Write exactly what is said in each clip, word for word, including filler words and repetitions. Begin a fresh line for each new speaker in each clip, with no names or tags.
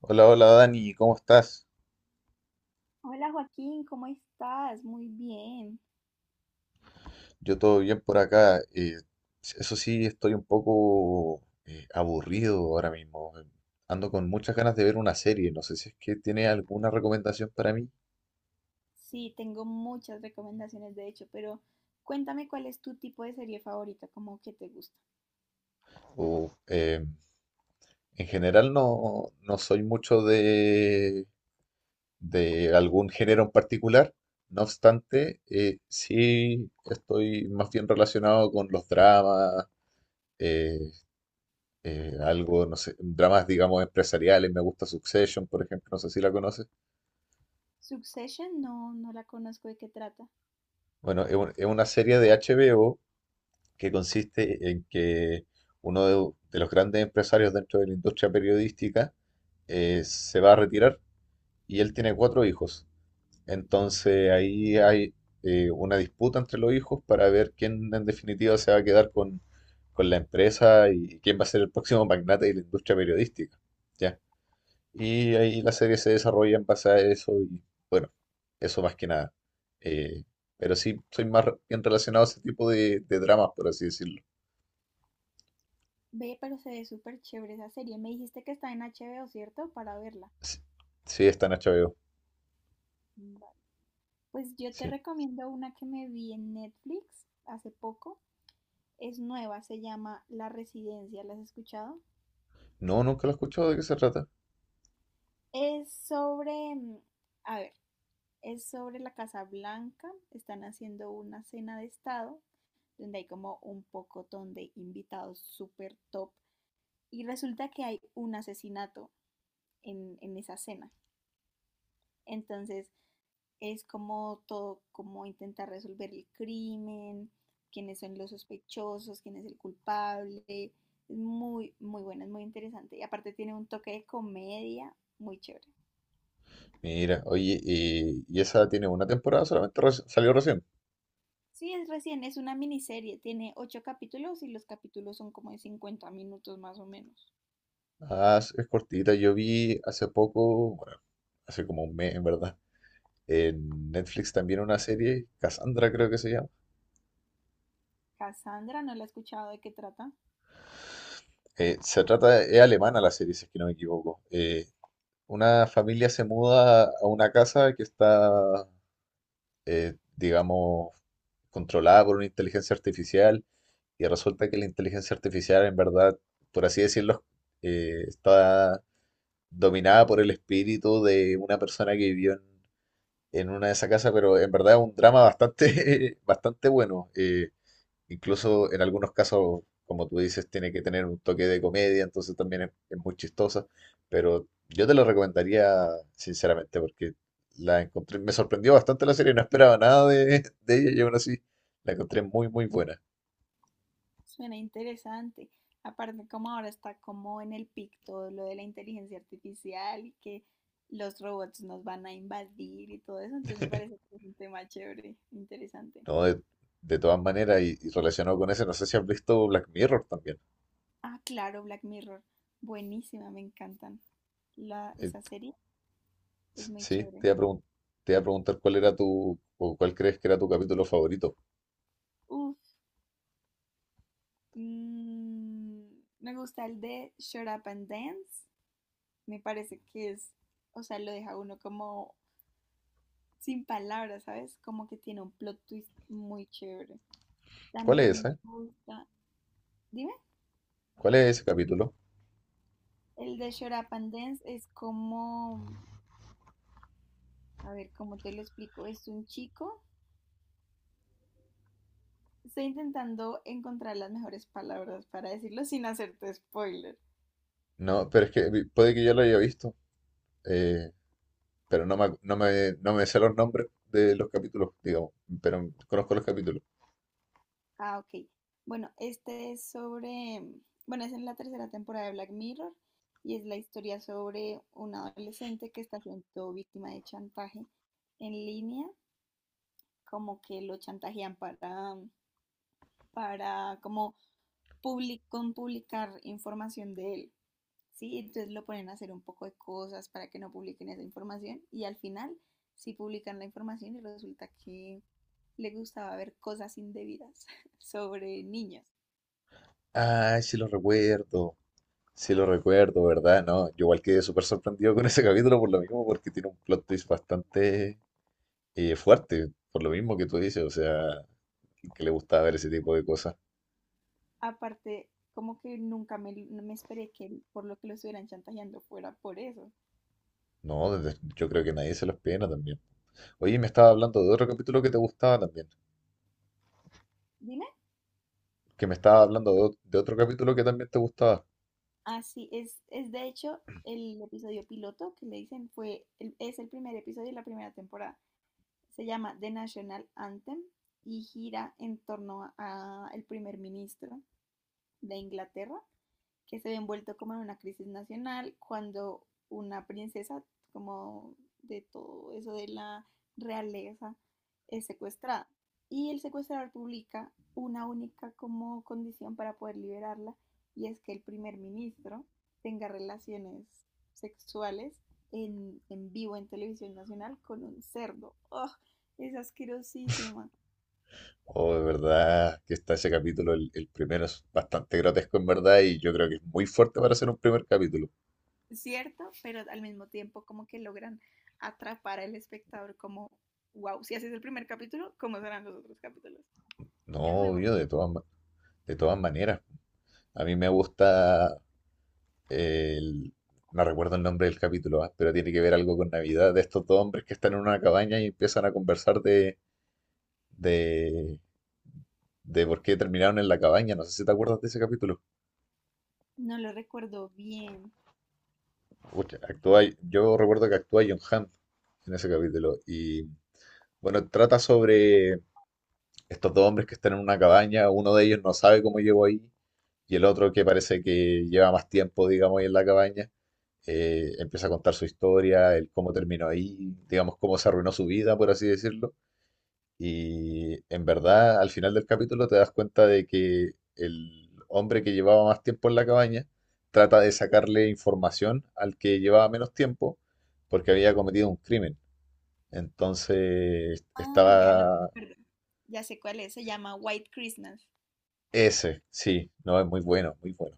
Hola, hola Dani, ¿cómo estás?
Hola Joaquín, ¿cómo estás? Muy bien.
Yo todo bien por acá. Eh, eso sí, estoy un poco eh, aburrido ahora mismo. Ando con muchas ganas de ver una serie. No sé si es que tiene alguna recomendación para mí.
Sí, tengo muchas recomendaciones de hecho, pero cuéntame cuál es tu tipo de serie favorita, como que te gusta.
O, eh, en general no, no soy mucho de, de algún género en particular. No obstante, eh, sí estoy más bien relacionado con los dramas. eh, eh, Algo, no sé, dramas, digamos, empresariales. Me gusta Succession, por ejemplo, no sé si la conoces.
Succession, no, no la conozco, ¿de qué trata?
Bueno, es, un- es una serie de H B O que consiste en que uno de, de los grandes empresarios dentro de la industria periodística eh, se va a retirar y él tiene cuatro hijos. Entonces ahí hay eh, una disputa entre los hijos para ver quién en definitiva se va a quedar con, con la empresa y quién va a ser el próximo magnate de la industria periodística. ¿Ya? Y ahí la serie se desarrolla en base a eso y bueno, eso más que nada. Eh, pero sí, soy más re- bien relacionado a ese tipo de, de dramas, por así decirlo.
Ve, pero se ve súper chévere esa serie. Me dijiste que está en H B O, ¿cierto? Para verla.
Sí, sí, está en H B O,
Vale. Pues yo te
sí.
recomiendo una que me vi en Netflix hace poco. Es nueva, se llama La Residencia. ¿La has escuchado?
No, nunca lo he escuchado, ¿de qué se trata?
Es sobre, mm, a ver, Es sobre la Casa Blanca. Están haciendo una cena de estado donde hay como un pocotón de invitados súper top. Y resulta que hay un asesinato en, en esa cena. Entonces es como todo, como intentar resolver el crimen, quiénes son los sospechosos, quién es el culpable. Es muy, muy buena, es muy interesante. Y aparte tiene un toque de comedia muy chévere.
Mira, oye, y, y esa tiene una temporada solamente, reci- salió recién.
Sí, es recién, es una miniserie, tiene ocho capítulos y los capítulos son como de cincuenta minutos más o menos.
Ah, es es cortita, yo vi hace poco, bueno, hace como un mes en verdad, en Netflix también una serie, Cassandra creo que se llama.
Cassandra, no la he escuchado, ¿de qué trata?
Eh, se trata, es alemana la serie, si es que no me equivoco. Eh, Una familia se muda a una casa que está, eh, digamos, controlada por una inteligencia artificial y resulta que la inteligencia artificial en verdad, por así decirlo, eh, está dominada por el espíritu de una persona que vivió en, en una de esas casas, pero en verdad es un drama bastante, bastante bueno. Eh, Incluso en algunos casos, como tú dices, tiene que tener un toque de comedia, entonces también es, es muy chistosa. Pero yo te lo recomendaría sinceramente porque la encontré, me sorprendió bastante la serie, no esperaba nada de, de ella y aún así la encontré muy, muy buena.
Suena interesante. Aparte, como ahora está como en el pic todo lo de la inteligencia artificial y que los robots nos van a invadir y todo eso, entonces me parece que es un tema chévere, interesante.
No, de, de todas maneras, y, y relacionado con eso, no sé si has visto Black Mirror también.
Ah, claro, Black Mirror. Buenísima, me encantan. La,
Eh,
esa serie es
s-
muy
sí,
chévere.
te iba a pregun- te iba a preguntar cuál era tu, o cuál crees que era tu capítulo favorito.
Uf. Mm, Me gusta el de Shut Up and Dance. Me parece que es, o sea, lo deja uno como sin palabras, ¿sabes? Como que tiene un plot twist muy chévere.
¿Cuál es
También me
ese?
gusta, dime,
¿Cuál es ese capítulo?
el de Shut Up and Dance es como, a ver, ¿cómo te lo explico? Es un chico. Estoy intentando encontrar las mejores palabras para decirlo sin hacerte spoiler.
No, pero es que vi- puede que yo lo haya visto. eh, pero no me, acu- no me, no me sé los nombres de los capítulos, digamos, pero conozco los capítulos.
Ah, ok. Bueno, este es sobre, mm, bueno, es en la tercera temporada de Black Mirror y es la historia sobre un adolescente que está siendo víctima de chantaje en línea, como que lo chantajean para, mm, para como public- con publicar información de él, ¿sí? Entonces lo ponen a hacer un poco de cosas para que no publiquen esa información y al final sí publican la información y resulta que le gustaba ver cosas indebidas sobre niños.
Ay, sí lo recuerdo, sí lo recuerdo, ¿verdad? No, yo igual quedé súper sorprendido con ese capítulo por lo mismo, porque tiene un plot twist bastante eh, fuerte, por lo mismo que tú dices, o sea, que le gustaba ver ese tipo de cosas.
Aparte, como que nunca me, no me esperé que por lo que lo estuvieran chantajeando fuera por eso.
No, desde- yo creo que nadie se los pena también. Oye, me estaba hablando de otro capítulo que te gustaba también,
Dime,
que me estaba hablando de, ot- de otro capítulo que también te gustaba.
así es, es de hecho el episodio piloto que le dicen fue, el- es el primer episodio de la primera temporada. Se llama The National Anthem y gira en torno a- al primer ministro de Inglaterra que se ve envuelto como en una crisis nacional cuando una princesa como de todo eso de la realeza es secuestrada y el secuestrador publica una única como condición para poder liberarla y es que el primer ministro tenga relaciones sexuales en, en vivo en televisión nacional con un cerdo. ¡Oh! Es asquerosísima.
Oh, de verdad que está ese capítulo, el, el primero es bastante grotesco en verdad y yo creo que es muy fuerte para ser un primer capítulo.
Cierto, pero al mismo tiempo como que logran atrapar al espectador como, wow, si haces el primer capítulo, ¿cómo serán los otros capítulos? Es muy
No,
bueno.
yo de todas, ma- de todas maneras. A mí me gusta el... No recuerdo el nombre del capítulo, ah, pero tiene que ver algo con Navidad, de estos dos hombres que están en una cabaña y empiezan a conversar de, de, de por qué terminaron en la cabaña. No sé si te acuerdas de ese capítulo.
No lo recuerdo bien.
Pucha, actúa, yo recuerdo que actúa John Hamm en ese capítulo y bueno, trata sobre estos dos hombres que están en una cabaña, uno de ellos no sabe cómo llegó ahí y el otro que parece que lleva más tiempo, digamos, ahí en la cabaña, eh, empieza a contar su historia, el cómo terminó ahí, digamos, cómo se arruinó su vida, por así decirlo. Y en verdad, al final del capítulo te das cuenta de que el hombre que llevaba más tiempo en la cabaña trata de sacarle información al que llevaba menos tiempo porque había cometido un crimen. Entonces
Ah, ya lo
estaba.
recuerdo. Ya sé cuál es, se llama White Christmas.
Ese, sí, no, es muy bueno, muy bueno.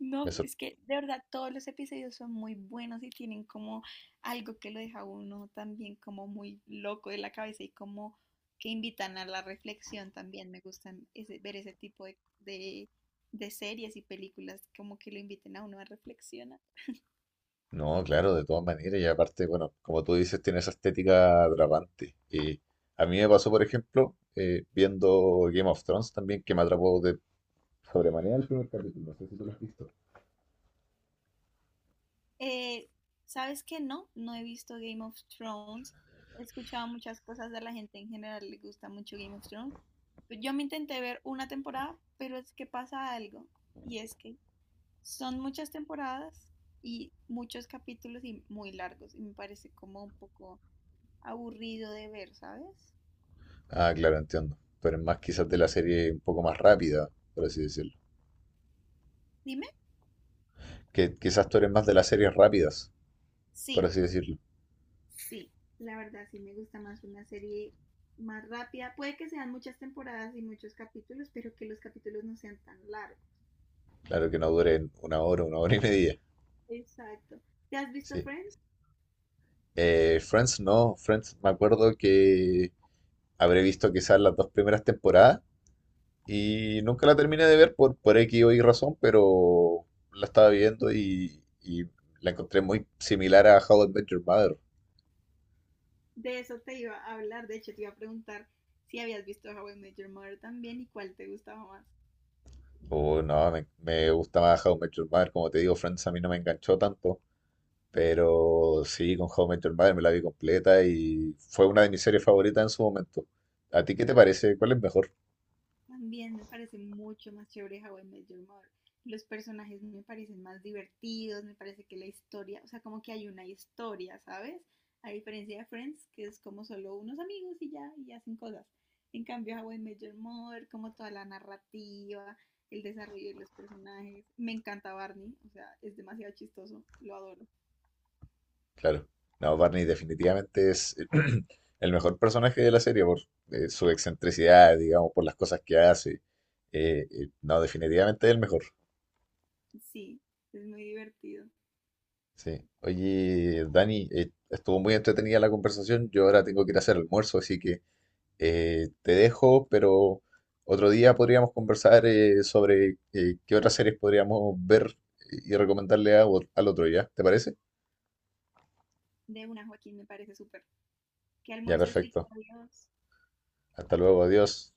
No,
Me sor-
es que de verdad todos los episodios son muy buenos y tienen como algo que lo deja uno también como muy loco de la cabeza y como que invitan a la reflexión también. Me gustan ese- ver ese tipo de, de- de series y películas como que lo inviten a uno a reflexionar.
No, claro, de todas maneras, y aparte, bueno, como tú dices, tiene esa estética atrapante. Y a mí me pasó, por ejemplo, eh, viendo Game of Thrones también, que me atrapó de sobremanera el primer capítulo, no sé si tú lo has visto.
Eh, ¿Sabes qué? No, no he visto Game of Thrones. He escuchado muchas cosas de la gente en general, le gusta mucho Game of Thrones. Yo me intenté ver una temporada, pero es que pasa algo y es que Son muchas temporadas y muchos capítulos y muy largos. Y me parece como un poco aburrido de ver, ¿sabes?
Ah, claro, entiendo. Tú eres más quizás de la serie un poco más rápida, por así decirlo.
Dime.
Que quizás tú eres más de las series rápidas, por
Sí,
así decirlo.
sí. La verdad, sí me gusta más una serie más rápida. Puede que sean muchas temporadas y muchos capítulos, pero que los capítulos no sean tan largos.
Claro que no duren una hora, una hora y media.
Exacto. ¿Te has visto
Sí.
Friends?
Eh, Friends no, Friends me acuerdo que habré visto quizás las dos primeras temporadas y nunca la terminé de ver por, por X o Y razón, pero la estaba viendo y, y la encontré muy similar a How I Met Your Mother.
De eso te iba a hablar. De hecho, te iba a preguntar si habías visto How I Met Your Mother también y cuál te gustaba más.
Oh, no, me, me gusta más How I Met Your Mother, como te digo, Friends a mí no me enganchó tanto, pero sí, con How I Met Your Mother me la vi completa y fue una de mis series favoritas en su momento. ¿A ti qué te parece? ¿Cuál es mejor?
También me parece mucho más chévere How I Met Your Mother. Los personajes me parecen más divertidos, me parece que la historia, o sea, como que hay una historia, ¿sabes? A diferencia de Friends, que es como solo unos amigos y ya, y hacen cosas. En cambio, How I Met Your Mother, como toda la narrativa, el desarrollo de los personajes. Me encanta Barney, o sea, es demasiado chistoso, lo adoro.
Claro. No, Barney definitivamente es el mejor personaje de la serie por eh, su excentricidad, digamos, por las cosas que hace. Eh, eh, no, definitivamente es el mejor.
Sí, es muy divertido.
Sí. Oye, Dani, eh, estuvo muy entretenida la conversación. Yo ahora tengo que ir a hacer almuerzo, así que eh, te dejo, pero otro día podríamos conversar eh, sobre eh, qué otras series podríamos ver y recomendarle a- al otro ya. ¿Te parece?
De una, Joaquín, me parece súper. Que
Ya,
almuerces rico,
perfecto.
adiós.
Hasta luego, adiós.